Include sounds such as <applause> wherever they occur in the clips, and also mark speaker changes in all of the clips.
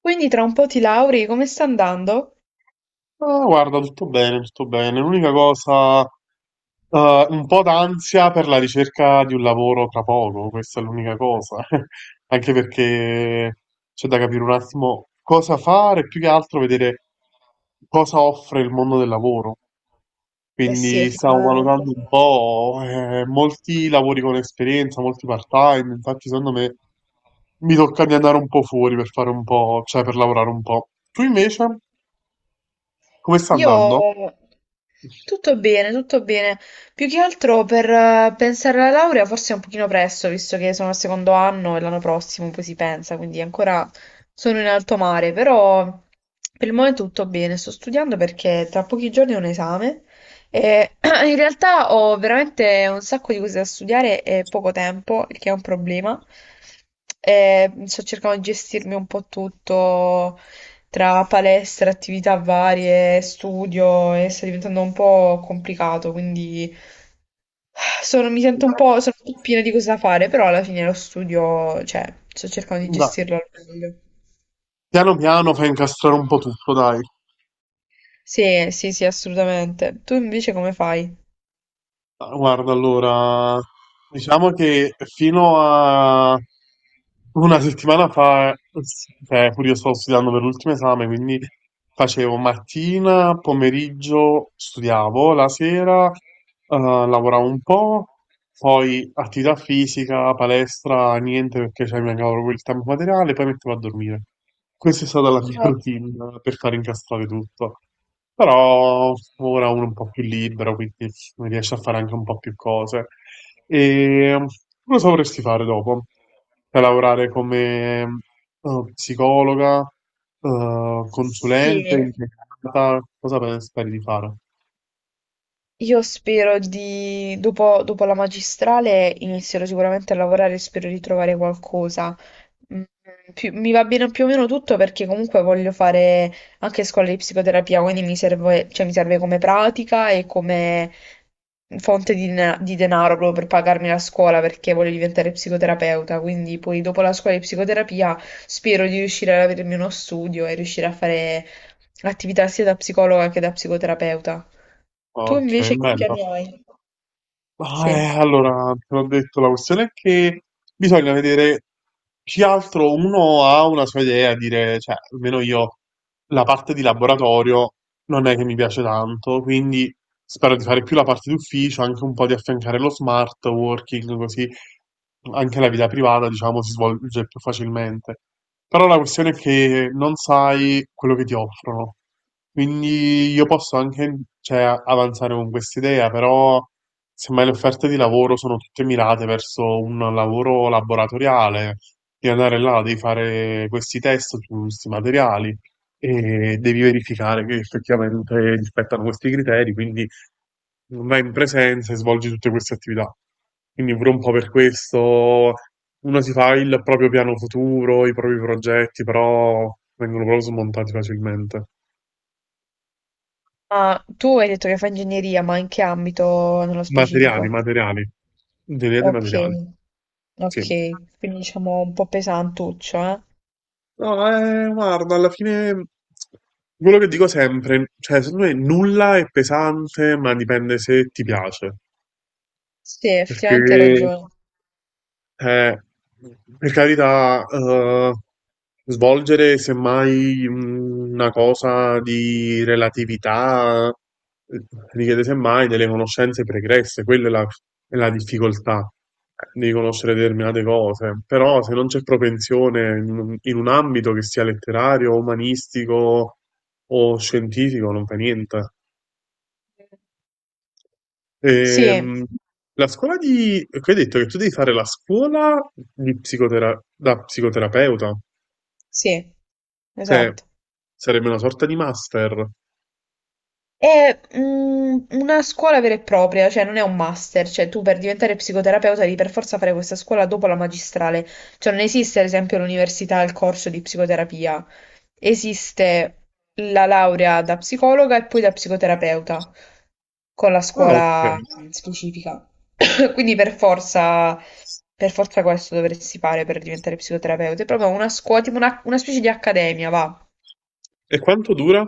Speaker 1: Quindi tra un po' ti lauri, come sta andando?
Speaker 2: Ah, guarda, tutto bene, tutto bene. L'unica cosa, un po' d'ansia per la ricerca di un lavoro tra poco, questa è l'unica cosa. <laughs> Anche perché c'è da capire un attimo cosa fare, più che altro vedere cosa offre il mondo del lavoro.
Speaker 1: Eh sì,
Speaker 2: Quindi stavo
Speaker 1: effettivamente.
Speaker 2: valutando
Speaker 1: Sì.
Speaker 2: un po', molti lavori con esperienza, molti part-time, infatti secondo me mi tocca di andare un po' fuori per fare un po', cioè per lavorare un po'. Tu invece, come sta andando?
Speaker 1: Io tutto bene, tutto bene. Più che altro per pensare alla laurea forse è un pochino presto, visto che sono al secondo anno e l'anno prossimo poi si pensa, quindi ancora sono in alto mare, però per il momento tutto bene. Sto studiando perché tra pochi giorni ho un esame. E <clears throat> in realtà ho veramente un sacco di cose da studiare e poco tempo, il che è un problema. E sto cercando di gestirmi un po' tutto tra palestra, attività varie, studio e sta diventando un po' complicato, quindi <sighs> mi sento un po', sono un po' piena di cose da fare, però alla fine lo studio, cioè, sto cercando di gestirlo al meglio.
Speaker 2: Piano piano fai incastrare un po' tutto, dai.
Speaker 1: Sì, sì, sì, assolutamente. Tu invece come fai?
Speaker 2: Ah, guarda, allora, diciamo che fino a una settimana fa, cioè, pure io stavo studiando per l'ultimo esame, quindi facevo mattina, pomeriggio, studiavo, la sera, lavoravo un po', poi attività fisica, palestra, niente perché cioè, mi mancava proprio il tempo materiale, poi mettevo a dormire. Questa è stata la mia <laughs>
Speaker 1: Eh,
Speaker 2: routine per far incastrare tutto. Però ora uno è un po' più libero, quindi riesce a fare anche un po' più cose. E um, Cosa vorresti fare dopo? Cioè, lavorare come psicologa,
Speaker 1: Sì,
Speaker 2: consulente, impiegata? Cosa pensi di fare?
Speaker 1: io spero di, dopo, dopo la magistrale inizierò sicuramente a lavorare e spero di trovare qualcosa. Mm, mi va bene più o meno tutto perché comunque voglio fare anche scuola di psicoterapia, quindi mi serve, cioè, mi serve come pratica e come fonte di, di denaro proprio per pagarmi la scuola perché voglio diventare psicoterapeuta. Quindi poi dopo la scuola di psicoterapia spero di riuscire ad avermi uno studio e riuscire a fare attività sia da psicologa che da psicoterapeuta. Tu
Speaker 2: Ok,
Speaker 1: invece che
Speaker 2: bello.
Speaker 1: piani hai?
Speaker 2: Ma,
Speaker 1: Sì.
Speaker 2: allora, te l'ho detto, la questione è che bisogna vedere più che altro uno ha una sua idea, dire, cioè, almeno io la parte di laboratorio non è che mi piace tanto, quindi spero di fare più la parte d'ufficio, anche un po' di affiancare lo smart working, così anche la vita privata, diciamo, si svolge più facilmente. Però la questione è che non sai quello che ti offrono. Quindi io posso anche, cioè, avanzare con quest'idea, però. Semmai le offerte di lavoro sono tutte mirate verso un lavoro laboratoriale, devi andare là, devi fare questi test su questi materiali e devi verificare che effettivamente rispettano questi criteri, quindi vai in presenza e svolgi tutte queste attività. Quindi pure un po' per questo uno si fa il proprio piano futuro, i propri progetti, però vengono proprio smontati facilmente.
Speaker 1: Ah, tu hai detto che fai ingegneria, ma in che ambito nello
Speaker 2: Materiali,
Speaker 1: specifico?
Speaker 2: materiali, ingegneria dei
Speaker 1: Ok,
Speaker 2: materiali, sì.
Speaker 1: ok, quindi diciamo un po' pesantuccio, eh?
Speaker 2: No, guarda, alla fine quello che dico sempre, cioè, secondo me nulla è pesante, ma dipende se ti piace.
Speaker 1: Sì, effettivamente hai
Speaker 2: Perché
Speaker 1: ragione.
Speaker 2: eh, per carità, svolgere semmai una cosa di relatività eh, richiede semmai delle conoscenze pregresse, quella è la difficoltà di conoscere determinate cose, però se non c'è propensione in un ambito che sia letterario, umanistico o scientifico, non fa niente.
Speaker 1: Sì,
Speaker 2: Ehm, la scuola di... che hai detto che tu devi fare la scuola di da psicoterapeuta,
Speaker 1: sì,
Speaker 2: cioè
Speaker 1: esatto.
Speaker 2: sarebbe una sorta di master.
Speaker 1: È mm, una scuola vera e propria, cioè non è un master, cioè tu per diventare psicoterapeuta devi per forza fare questa scuola dopo la magistrale, cioè non esiste ad esempio all'università il corso di psicoterapia, esiste la laurea da psicologa e poi da psicoterapeuta con la
Speaker 2: Ah, ok.
Speaker 1: scuola specifica. <coughs> Quindi per forza questo dovresti fare per diventare psicoterapeuta, è proprio una scuola, tipo una specie di accademia, va,
Speaker 2: E quanto dura?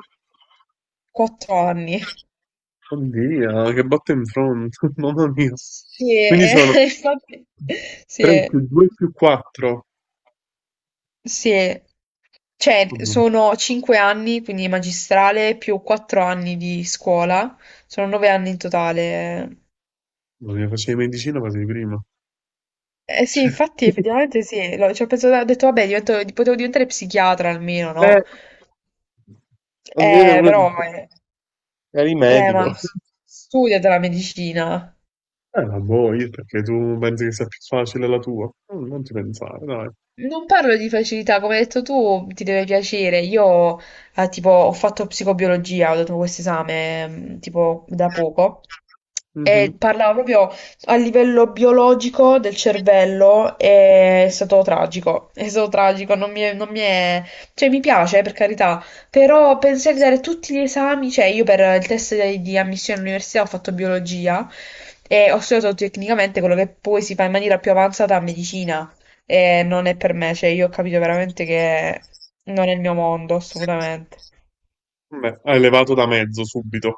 Speaker 1: 4 anni.
Speaker 2: Oddio, che botta <laughs> mamma mia.
Speaker 1: Sì,
Speaker 2: Quindi sono
Speaker 1: <laughs> infatti, sì,
Speaker 2: 3 più 2 più 4.
Speaker 1: sì. Eh. Cioè,
Speaker 2: Mamma
Speaker 1: sono 5 anni, quindi magistrale, più 4 anni di scuola, sono 9 anni in totale.
Speaker 2: mamma mia, facevi medicina quasi prima.
Speaker 1: Eh sì, infatti,
Speaker 2: <laughs>
Speaker 1: effettivamente sì, ci ho pensato, ho detto, vabbè, potevo diventare psichiatra almeno,
Speaker 2: Cioè,
Speaker 1: no?
Speaker 2: almeno uno
Speaker 1: Però,
Speaker 2: dice, eri
Speaker 1: eh, ma
Speaker 2: medico.
Speaker 1: s- studiate la medicina.
Speaker 2: La boh, io perché tu pensi che sia più facile la tua? Non ti pensare, dai.
Speaker 1: Non parlo di facilità, come hai detto tu, ti deve piacere. Io, tipo, ho fatto psicobiologia, ho dato questo esame, mm, tipo, da poco. E
Speaker 2: Mhm.
Speaker 1: parlava proprio a livello biologico del cervello, e è stato tragico, non mi è- cioè mi piace per carità, però pensare di dare tutti gli esami, cioè io per il test di ammissione all'università ho fatto biologia e ho studiato tecnicamente quello che poi si fa in maniera più avanzata a medicina e non è per me, cioè io ho capito veramente che non è il mio mondo, assolutamente.
Speaker 2: Beh, hai levato da mezzo subito.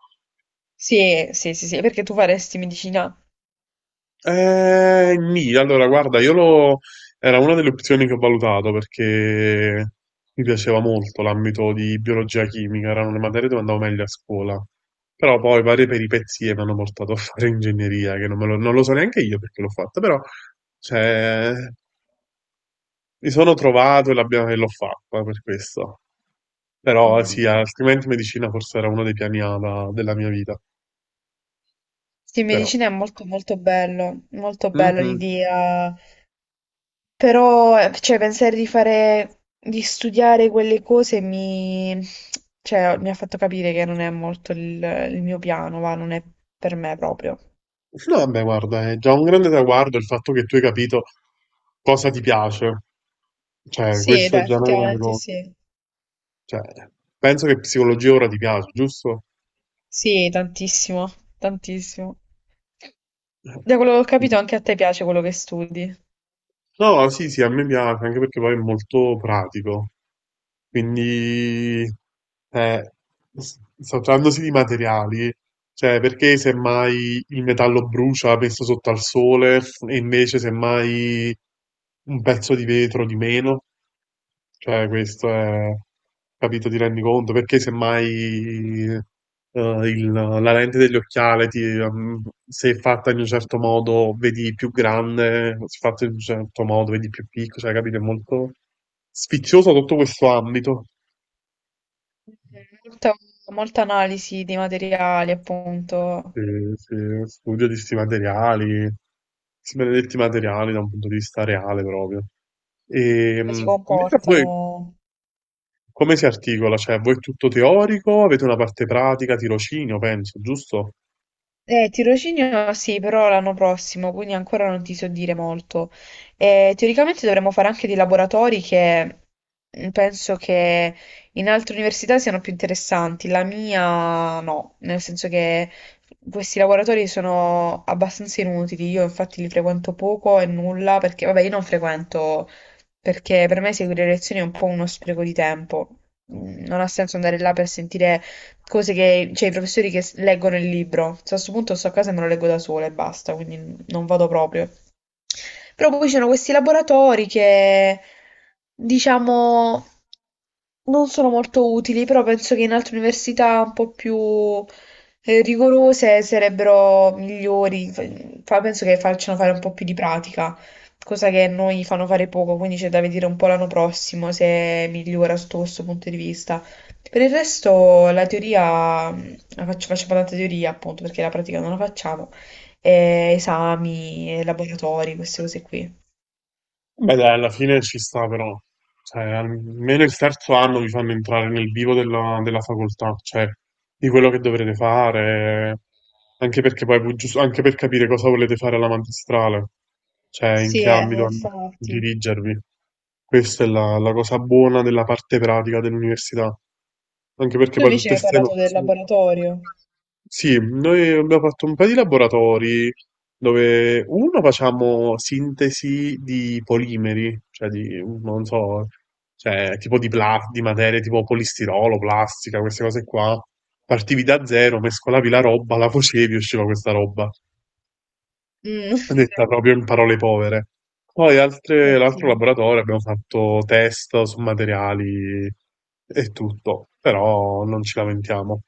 Speaker 1: Sì, sì, sì, sì, perché tu faresti medicina?
Speaker 2: Nì, allora guarda, io lo... era una delle opzioni che ho valutato perché mi piaceva molto l'ambito di biologia chimica, erano le materie dove andavo meglio a scuola. Però poi varie peripezie mi hanno portato a <laughs> fare ingegneria, che non lo so neanche io perché l'ho fatta, però cioè, mi sono trovato e e l'ho fatta per questo. Però
Speaker 1: Mm.
Speaker 2: sì, altrimenti medicina forse era uno dei piani A della mia vita,
Speaker 1: Sì,
Speaker 2: però.
Speaker 1: medicina è molto molto bello, molto bella
Speaker 2: Mhm.
Speaker 1: l'idea, però cioè, pensare di fare, di studiare quelle cose mi, cioè, mi ha fatto capire che non è molto il mio piano, va, non è per me proprio.
Speaker 2: No, vabbè, guarda, è già un grande traguardo il fatto che tu hai capito cosa ti piace. Cioè,
Speaker 1: Sì,
Speaker 2: questa è
Speaker 1: dai,
Speaker 2: già una grande
Speaker 1: effettivamente
Speaker 2: cosa.
Speaker 1: sì.
Speaker 2: Cioè, penso che psicologia ora ti piace, giusto?
Speaker 1: Sì, tantissimo, tantissimo.
Speaker 2: Eh.
Speaker 1: Da quello che ho capito anche a te piace quello che studi.
Speaker 2: No, sì, sì, a me piace, anche perché poi è molto pratico. Quindi, eh, s- trattandosi di materiali, cioè, perché semmai il metallo brucia messo sotto al sole e invece semmai un pezzo di vetro di meno? Cioè, questo è, capito, ti rendi conto? Perché semmai la lente dell'occhiale, se è fatta in un certo modo, vedi più grande, se è fatta in un certo modo, vedi più piccolo, cioè, capito? È molto sficcioso tutto questo ambito.
Speaker 1: Molta, molta analisi dei materiali, appunto,
Speaker 2: Sì, sì, studio di questi materiali, questi benedetti materiali da un punto di vista reale proprio. E,
Speaker 1: come si
Speaker 2: invece poi
Speaker 1: comportano.
Speaker 2: come si articola? Cioè, voi è tutto teorico, avete una parte pratica, tirocinio, penso, giusto?
Speaker 1: Tirocinio sì, però l'anno prossimo, quindi ancora non ti so dire molto. Teoricamente dovremmo fare anche dei laboratori che mm, penso che in altre università siano più interessanti. La mia no, nel senso che questi laboratori sono abbastanza inutili. Io infatti li frequento poco e nulla perché, vabbè, io non frequento perché per me seguire le lezioni è un po' uno spreco di tempo. Mm. Non ha senso andare là per sentire cose che, cioè i professori che leggono il libro. Cioè, a questo punto sto a casa e me lo leggo da sola e basta, quindi non vado proprio. Però poi ci sono questi laboratori che, diciamo, non sono molto utili, però penso che in altre università un po' più rigorose sarebbero migliori. Penso che facciano fare un po' più di pratica, cosa che a noi fanno fare poco, quindi c'è da vedere un po' l'anno prossimo se migliora sotto questo punto di vista. Per il resto la teoria, la faccio, faccio tanta teoria appunto perché la pratica non la facciamo, e esami, e laboratori, queste cose qui.
Speaker 2: Beh, dai, alla fine ci sta però. Cioè, almeno il terzo anno vi fanno entrare nel vivo della facoltà, cioè di quello che dovrete fare, anche perché poi giusto, anche per capire cosa volete fare alla magistrale, cioè in
Speaker 1: Sì,
Speaker 2: che ambito
Speaker 1: infatti.
Speaker 2: dirigervi. Questa è la cosa buona della parte pratica dell'università, anche perché
Speaker 1: Tu
Speaker 2: poi tutte
Speaker 1: invece mi hai
Speaker 2: queste
Speaker 1: parlato del
Speaker 2: nozioni.
Speaker 1: laboratorio.
Speaker 2: Sì, noi abbiamo fatto un paio di laboratori dove uno facciamo sintesi di polimeri, cioè di, non so, cioè tipo di materie tipo polistirolo, plastica, queste cose qua. Partivi da zero, mescolavi la roba, la facevi e usciva questa roba.
Speaker 1: Mm,
Speaker 2: Detta proprio in parole povere. Poi
Speaker 1: <laughs>
Speaker 2: l'altro
Speaker 1: ottimo.
Speaker 2: laboratorio abbiamo fatto test su materiali e tutto, però non ci lamentiamo.